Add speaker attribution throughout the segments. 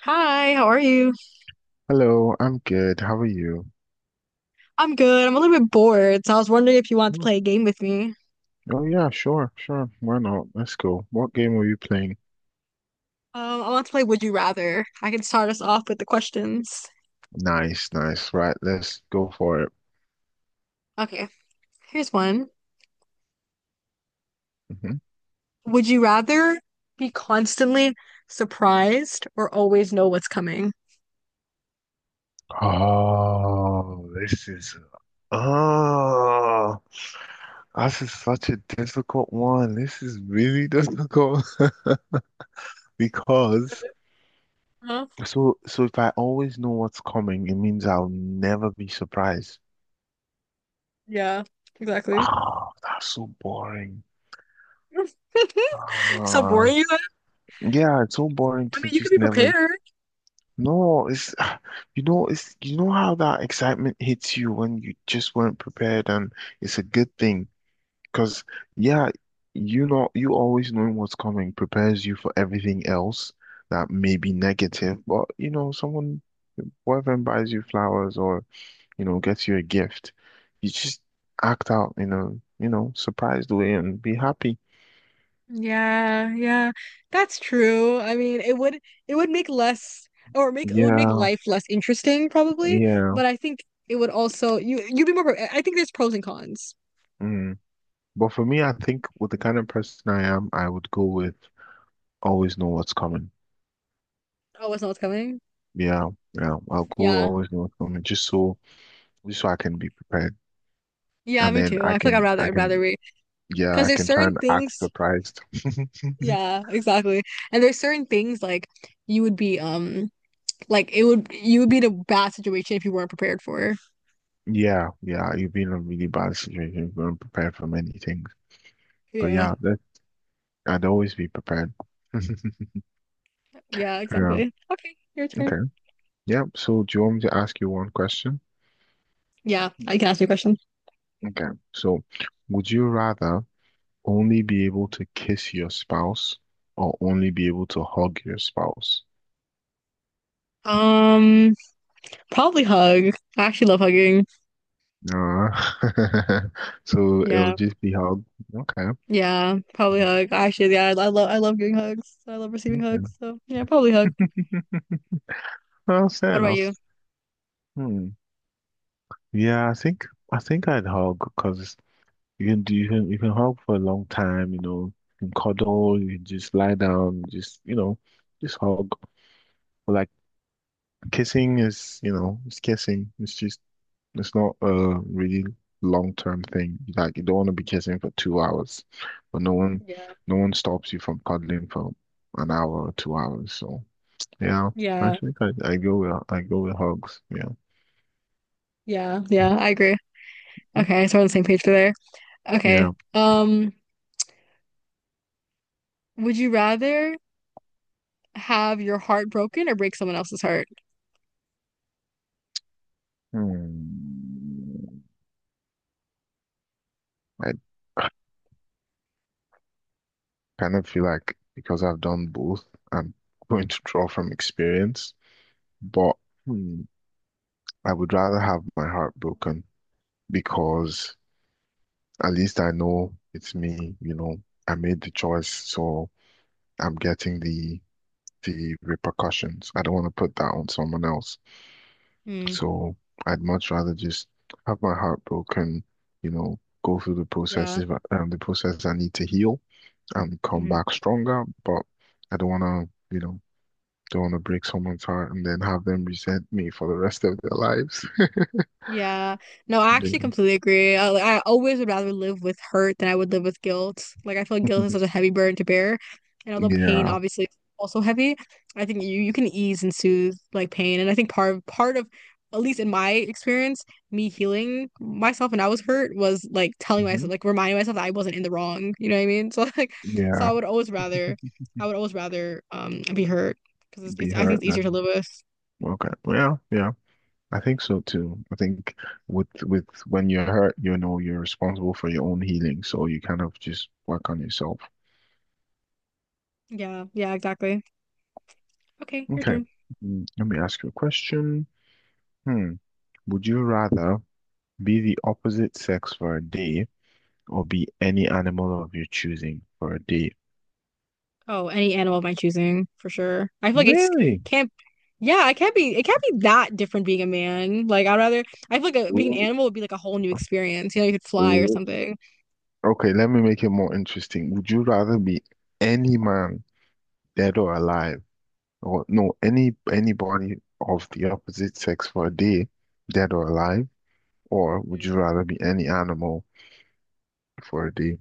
Speaker 1: Hi, how are you?
Speaker 2: Hello, I'm good. How are you?
Speaker 1: I'm good. I'm a little bit bored, so I was wondering if you want to
Speaker 2: "Oh,
Speaker 1: play a game with me.
Speaker 2: oh, yeah, sure, sure. Why not? Let's go. What game are you playing?
Speaker 1: I want to play Would You Rather. I can start us off with the questions.
Speaker 2: Nice, nice. Right, let's go for it.
Speaker 1: Okay, here's one.
Speaker 2: Hmm.
Speaker 1: Would you rather be constantly surprised or always know what's coming?
Speaker 2: Oh, this is oh, this is such a difficult one. This is really difficult because
Speaker 1: Huh?
Speaker 2: so if I always know what's coming, it means I'll never be surprised.
Speaker 1: Yeah, exactly.
Speaker 2: Oh, that's so boring.
Speaker 1: So
Speaker 2: Uh,
Speaker 1: boring you are.
Speaker 2: yeah, it's so boring
Speaker 1: I
Speaker 2: to
Speaker 1: mean, you could
Speaker 2: just
Speaker 1: be
Speaker 2: never.
Speaker 1: prepared.
Speaker 2: No, it's it's, you know how that excitement hits you when you just weren't prepared. And it's a good thing because, yeah, you always knowing what's coming prepares you for everything else that may be negative. But, someone, boyfriend buys you flowers, or gets you a gift, you just act out in a surprised way and be happy.
Speaker 1: Yeah, yeah, that's true. I mean, it would make less or make it would make
Speaker 2: Yeah,
Speaker 1: life less interesting probably,
Speaker 2: yeah.
Speaker 1: but I think it would also you'd be more I think there's pros and cons.
Speaker 2: Mm. But for me, I think with the kind of person I am, I would go with always know what's coming.
Speaker 1: Oh, it's not coming?
Speaker 2: Yeah, yeah. I'll go
Speaker 1: Yeah.
Speaker 2: always know what's coming just so I can be prepared.
Speaker 1: Yeah,
Speaker 2: And
Speaker 1: me
Speaker 2: then
Speaker 1: too.
Speaker 2: I
Speaker 1: I feel like I'd
Speaker 2: can
Speaker 1: rather
Speaker 2: I
Speaker 1: I'd rather
Speaker 2: can
Speaker 1: wait
Speaker 2: yeah,
Speaker 1: because
Speaker 2: I
Speaker 1: there's
Speaker 2: can try
Speaker 1: certain
Speaker 2: and act
Speaker 1: things,
Speaker 2: surprised.
Speaker 1: yeah, exactly. And there's certain things like you would be like it would you would be in a bad situation if you weren't prepared for.
Speaker 2: Yeah, yeah. You've been in a really bad situation. You weren't prepared for many things. But
Speaker 1: Yeah.
Speaker 2: yeah, that, I'd always be prepared.
Speaker 1: Yeah,
Speaker 2: Yeah.
Speaker 1: exactly. Okay, your turn.
Speaker 2: Okay. Yeah. So do you want me to ask you one question?
Speaker 1: Yeah, I can ask you a question.
Speaker 2: Okay. So would you rather only be able to kiss your spouse or only be able to hug your spouse?
Speaker 1: Um Probably hug. I actually love hugging.
Speaker 2: Uh, so it'll
Speaker 1: Yeah.
Speaker 2: just be how. Okay.
Speaker 1: Yeah, probably hug. Actually, yeah, I love I love giving hugs. I love receiving
Speaker 2: Okay.
Speaker 1: hugs. So, yeah, probably hug.
Speaker 2: Well, fair
Speaker 1: What about
Speaker 2: enough.
Speaker 1: you?
Speaker 2: Hmm. Yeah, I think I'd hug because you can hug for a long time, you know, you can cuddle, you can just lie down, just, just hug. But like kissing is, it's kissing. It's just, it's not a really long term thing. Like you don't want to be kissing for 2 hours, but no one
Speaker 1: Yeah.
Speaker 2: no one stops you from cuddling for an hour or 2 hours. So. Yeah, I,
Speaker 1: Yeah.
Speaker 2: think I go with hugs. Yeah.
Speaker 1: Yeah. Yeah, I agree.
Speaker 2: Mhm.
Speaker 1: Okay, so we're on the same page for there.
Speaker 2: Yeah.
Speaker 1: Okay. Would you rather have your heart broken or break someone else's heart?
Speaker 2: Hmm. I kind of feel like because I've done both, I'm going to draw from experience. But, hmm, I would rather have my heart broken because at least I know it's me. You know, I made the choice, so I'm getting the repercussions. I don't want to put that on someone else.
Speaker 1: Mm,
Speaker 2: So I'd much rather just have my heart broken, you know, go through the process
Speaker 1: yeah.
Speaker 2: if I, the process I need to heal and come
Speaker 1: Mhm.
Speaker 2: back stronger. But I don't want to, you know, don't want to break someone's heart and then have them resent me for the rest of their lives.
Speaker 1: Yeah. No, I actually
Speaker 2: Yeah.
Speaker 1: completely agree. I, like, I always would rather live with hurt than I would live with guilt. Like I feel like guilt is such a heavy burden to bear. And although pain
Speaker 2: Yeah.
Speaker 1: obviously is also heavy, I think you can ease and soothe like pain. And I think part of at least in my experience, me healing myself when I was hurt was like telling
Speaker 2: Hmm.
Speaker 1: myself, like reminding myself that I wasn't in the wrong. You know what I mean? So like, so
Speaker 2: Yeah.
Speaker 1: I would always rather be hurt because it's,
Speaker 2: Be
Speaker 1: it's I think
Speaker 2: hurt
Speaker 1: it's easier to
Speaker 2: then.
Speaker 1: live with.
Speaker 2: Okay. Yeah. Yeah. I think so too. I think with when you're hurt, you know you're responsible for your own healing, so you kind of just work on yourself.
Speaker 1: Yeah, yeah, exactly. Okay, your
Speaker 2: Okay.
Speaker 1: turn.
Speaker 2: Let me ask you a question. Hmm. Would you rather be the opposite sex for a day or be any animal of your choosing for a day?
Speaker 1: Oh, any animal of my choosing, for sure. I feel like it's
Speaker 2: Really?
Speaker 1: can't, yeah, it can't be that different being a man. Like, I feel like being an
Speaker 2: Ooh,
Speaker 1: animal would be like a whole new experience. You know, you could fly or
Speaker 2: ooh.
Speaker 1: something.
Speaker 2: Okay, let me make it more interesting. Would you rather be any man, dead or alive, or no, anybody of the opposite sex for a day, dead or alive, or would
Speaker 1: Mhm.
Speaker 2: you rather be any animal for a day?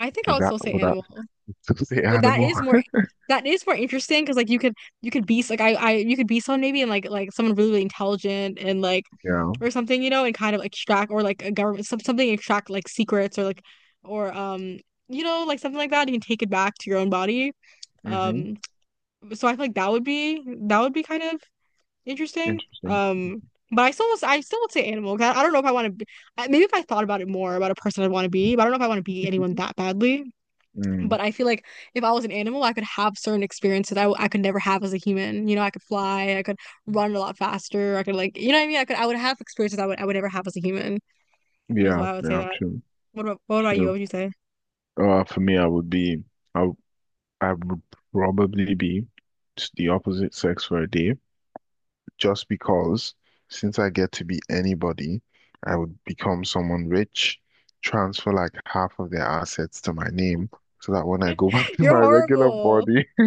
Speaker 1: I think I
Speaker 2: Would
Speaker 1: would
Speaker 2: that
Speaker 1: still say
Speaker 2: would that
Speaker 1: animal,
Speaker 2: still say
Speaker 1: but
Speaker 2: animal?
Speaker 1: that is more interesting because like you could be like you could be someone maybe and like someone really, really intelligent and like
Speaker 2: Yeah.
Speaker 1: or something, you know, and kind of extract or like a government something, extract like secrets or like or you know, like something like that. You can take it back to your own body.
Speaker 2: Mm-hmm.
Speaker 1: Um. So I feel like that would be kind of interesting.
Speaker 2: Interesting.
Speaker 1: But I still would say animal 'cause I don't know if I want to be maybe if I thought about it more about a person I'd want to be, but I don't know if I want to be anyone that badly.
Speaker 2: Mm,
Speaker 1: But I feel like if I was an animal, I could have certain experiences I could never have as a human. You know, I could fly, I could run a lot faster, I could like, you know what I mean? I would have experiences I would never have as a human, which is
Speaker 2: yeah,
Speaker 1: why I would say
Speaker 2: yeah,
Speaker 1: that.
Speaker 2: true,
Speaker 1: What about, what about you? What
Speaker 2: true.
Speaker 1: would you say?
Speaker 2: For me, I, w- I would probably be the opposite sex for a day, just because since I get to be anybody, I would become someone rich, transfer like half of their assets to my name, so that when I go back to my
Speaker 1: You're
Speaker 2: regular
Speaker 1: horrible.
Speaker 2: body,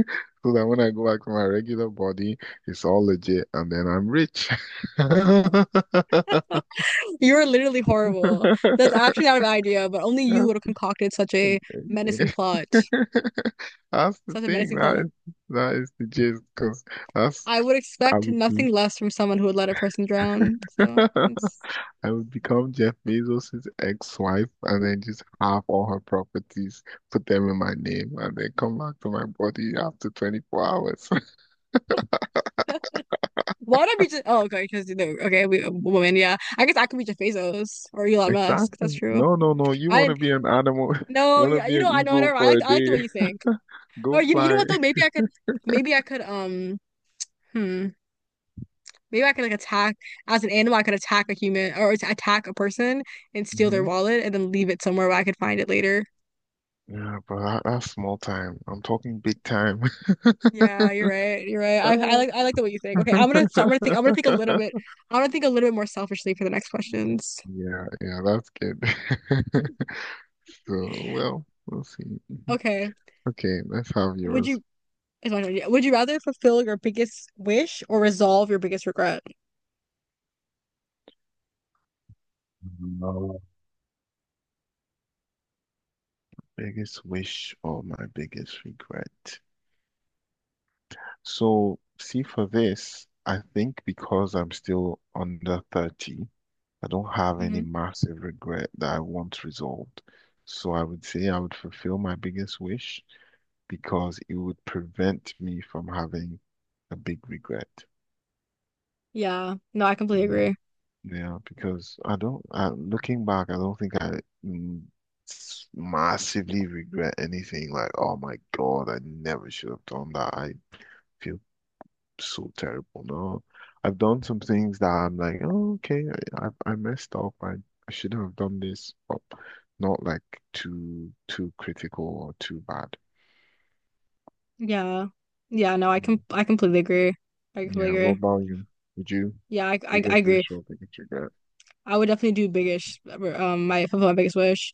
Speaker 2: so that when I go back to my regular body, it's all legit, and then I'm rich.
Speaker 1: You are literally horrible. That's actually not an idea, but only you would have concocted such a menacing plot.
Speaker 2: That's the
Speaker 1: Such a
Speaker 2: thing.
Speaker 1: menacing
Speaker 2: That
Speaker 1: plot.
Speaker 2: is that is the gist. Because that's
Speaker 1: I would
Speaker 2: I
Speaker 1: expect
Speaker 2: would be
Speaker 1: nothing less from someone who would let a person drown. So it's
Speaker 2: I would become Jeff Bezos's ex-wife and then just have all her properties, put them in my name, and then come back to my body after 24 hours.
Speaker 1: why would I be, just oh okay, because okay, we, a woman, yeah. I guess I could be Jeff Bezos or Elon Musk. That's
Speaker 2: Exactly.
Speaker 1: true.
Speaker 2: No, no, no. You
Speaker 1: I
Speaker 2: want to
Speaker 1: didn't,
Speaker 2: be an animal? You
Speaker 1: no,
Speaker 2: want to
Speaker 1: yeah,
Speaker 2: be
Speaker 1: you know,
Speaker 2: an
Speaker 1: I know
Speaker 2: eagle
Speaker 1: whatever.
Speaker 2: for a
Speaker 1: I like the way
Speaker 2: day?
Speaker 1: you think. Or
Speaker 2: Go
Speaker 1: you know
Speaker 2: fly.
Speaker 1: what though? Maybe I could, hmm, maybe I could like attack as an animal. I could attack a human or attack a person and steal their
Speaker 2: Hmm.
Speaker 1: wallet and then leave it somewhere where I could find it later.
Speaker 2: Yeah, but that's small time. I'm talking big time.
Speaker 1: Yeah, you're right. You're right.
Speaker 2: Ah.
Speaker 1: I like the way you think. Okay, I'm gonna think. I'm gonna think a little bit. I'm gonna think a little bit more selfishly for the next questions.
Speaker 2: Yeah, yeah, that's good. So, well, we'll see. Mhm.
Speaker 1: Okay.
Speaker 2: Okay, let's have
Speaker 1: Would
Speaker 2: yours.
Speaker 1: you? It's my turn. Yeah. Would you rather fulfill your biggest wish or resolve your biggest regret?
Speaker 2: No. Biggest wish or my biggest regret. So, see, for this, I think because I'm still under 30, I don't have any
Speaker 1: hmm
Speaker 2: massive regret that I want resolved. So, I would say I would fulfill my biggest wish because it would prevent me from having a big regret.
Speaker 1: Yeah. No, I completely
Speaker 2: Yeah.
Speaker 1: agree.
Speaker 2: Yeah, because I don't, I, looking back, I don't think I mm, massively regret anything like, oh my God, I never should have done that. I feel so terrible. No, I've done some things that I'm like, oh, okay, I messed up. I shouldn't have done this, but not like too, too critical or too bad.
Speaker 1: Yeah. Yeah. No,
Speaker 2: Mm.
Speaker 1: I completely agree. I
Speaker 2: Yeah,
Speaker 1: completely
Speaker 2: what
Speaker 1: agree.
Speaker 2: about you? Would you?
Speaker 1: Yeah, I
Speaker 2: Biggest
Speaker 1: agree.
Speaker 2: wish or biggest regret?
Speaker 1: I would definitely do biggest my fulfill my biggest wish.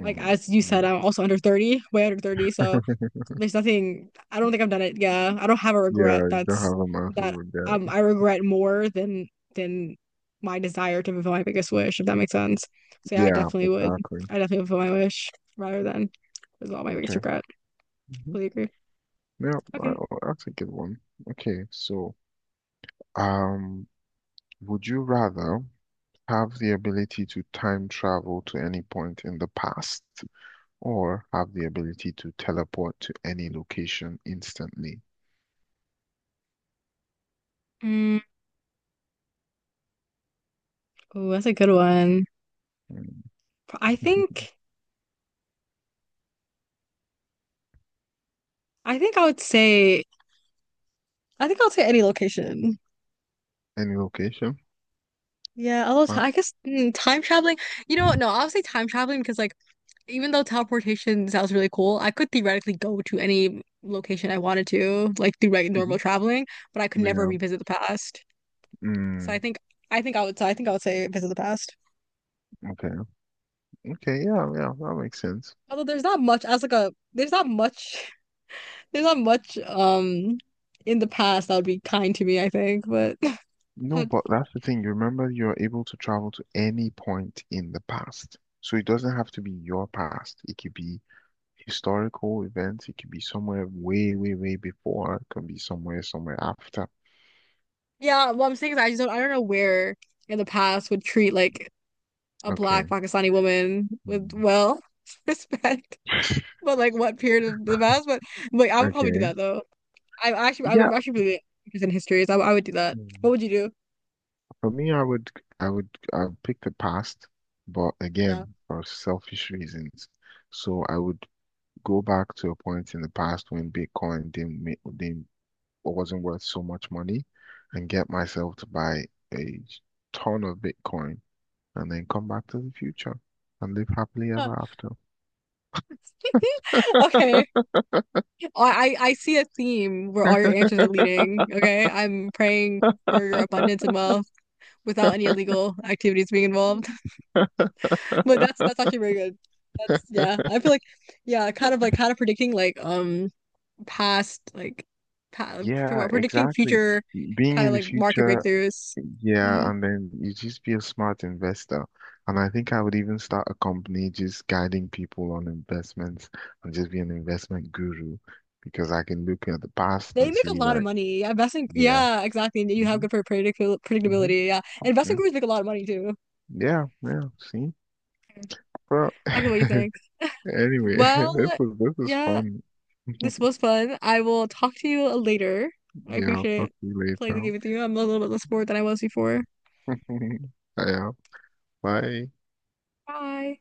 Speaker 1: Like as you
Speaker 2: yeah.
Speaker 1: said, I'm also under 30, way under 30, so there's nothing, I don't think I've done it. Yeah, I don't have a regret
Speaker 2: Yeah, you don't
Speaker 1: that's
Speaker 2: have a massive
Speaker 1: that
Speaker 2: regret.
Speaker 1: I regret more than my desire to fulfill my biggest wish, if that makes sense. So yeah, I
Speaker 2: Yeah,
Speaker 1: definitely would.
Speaker 2: exactly.
Speaker 1: I definitely fulfill my wish rather than is all my biggest
Speaker 2: Okay.
Speaker 1: regret.
Speaker 2: Hmm.
Speaker 1: Fully agree.
Speaker 2: Yeah, I,
Speaker 1: Okay.
Speaker 2: I'll take it one. Okay, so um, would you rather have the ability to time travel to any point in the past or have the ability to teleport to any location instantly?
Speaker 1: Mm, oh, that's a good one.
Speaker 2: Mm.
Speaker 1: I think I think I would say, I think I'll say any location.
Speaker 2: Any location?
Speaker 1: Yeah, although
Speaker 2: Uh,
Speaker 1: I guess time traveling, you know what? No, I'll say time traveling because, like, even though teleportation sounds really cool, I could theoretically go to any location I wanted to, like through like
Speaker 2: mhm.
Speaker 1: normal traveling, but I could never
Speaker 2: Yeah.
Speaker 1: revisit the past. So
Speaker 2: Mm,
Speaker 1: I think I would say visit the past.
Speaker 2: okay. Okay. Yeah. Yeah. That makes sense.
Speaker 1: Although there's not much, there's not much in the past that would be kind to me, I think. But
Speaker 2: No, but that's the thing. You remember you're able to travel to any point in the past. So it doesn't have to be your past. It could be historical events. It could be somewhere way, way, way before. It could be somewhere, somewhere after.
Speaker 1: yeah, what I'm saying is I just don't, I don't know where in the past would treat like a black
Speaker 2: Okay.
Speaker 1: Pakistani woman with
Speaker 2: Hmm.
Speaker 1: well respect, but like what period of the past? But like I would probably do
Speaker 2: Okay.
Speaker 1: that though.
Speaker 2: Yeah.
Speaker 1: I'm actually really interested in history, so I would do that. What
Speaker 2: Mm.
Speaker 1: would you do?
Speaker 2: For me, I would pick the past, but
Speaker 1: Yeah.
Speaker 2: again, for selfish reasons. So I would go back to a point in the past when Bitcoin didn't make, didn't what wasn't worth so much money, and get myself to buy a ton of Bitcoin and then come back to the future and live happily
Speaker 1: Huh.
Speaker 2: ever after.
Speaker 1: Okay. I see a theme where all your answers are leading. Okay. I'm praying for your abundance and wealth without any illegal activities being involved. But that's actually very good. That's yeah. I feel like yeah, kind of like kind of predicting like past like pa for
Speaker 2: Yeah,
Speaker 1: predicting
Speaker 2: exactly.
Speaker 1: future,
Speaker 2: Being
Speaker 1: kind of
Speaker 2: in the
Speaker 1: like market
Speaker 2: future,
Speaker 1: breakthroughs. hmm
Speaker 2: yeah, and then you just be a smart investor. And I think I would even start a company just guiding people on investments and just be an investment guru because I can look at the past
Speaker 1: They
Speaker 2: and
Speaker 1: make a
Speaker 2: see,
Speaker 1: lot of
Speaker 2: like,
Speaker 1: money. Yeah, investing.
Speaker 2: yeah.
Speaker 1: Yeah, exactly. You have
Speaker 2: Hmm.
Speaker 1: good for
Speaker 2: Hmm.
Speaker 1: predictability. Yeah, and investing
Speaker 2: Mm.
Speaker 1: groups make a lot of money too.
Speaker 2: Yeah, yeah, see? Bro.
Speaker 1: I get what you think.
Speaker 2: Anyway, this
Speaker 1: Well,
Speaker 2: is this is
Speaker 1: yeah,
Speaker 2: fun.
Speaker 1: this was fun. I will talk to you later. I
Speaker 2: Yeah, I'll talk
Speaker 1: appreciate
Speaker 2: to you
Speaker 1: playing the
Speaker 2: later.
Speaker 1: game with you. I'm a little bit less bored than I was before.
Speaker 2: Yeah, bye.
Speaker 1: Bye.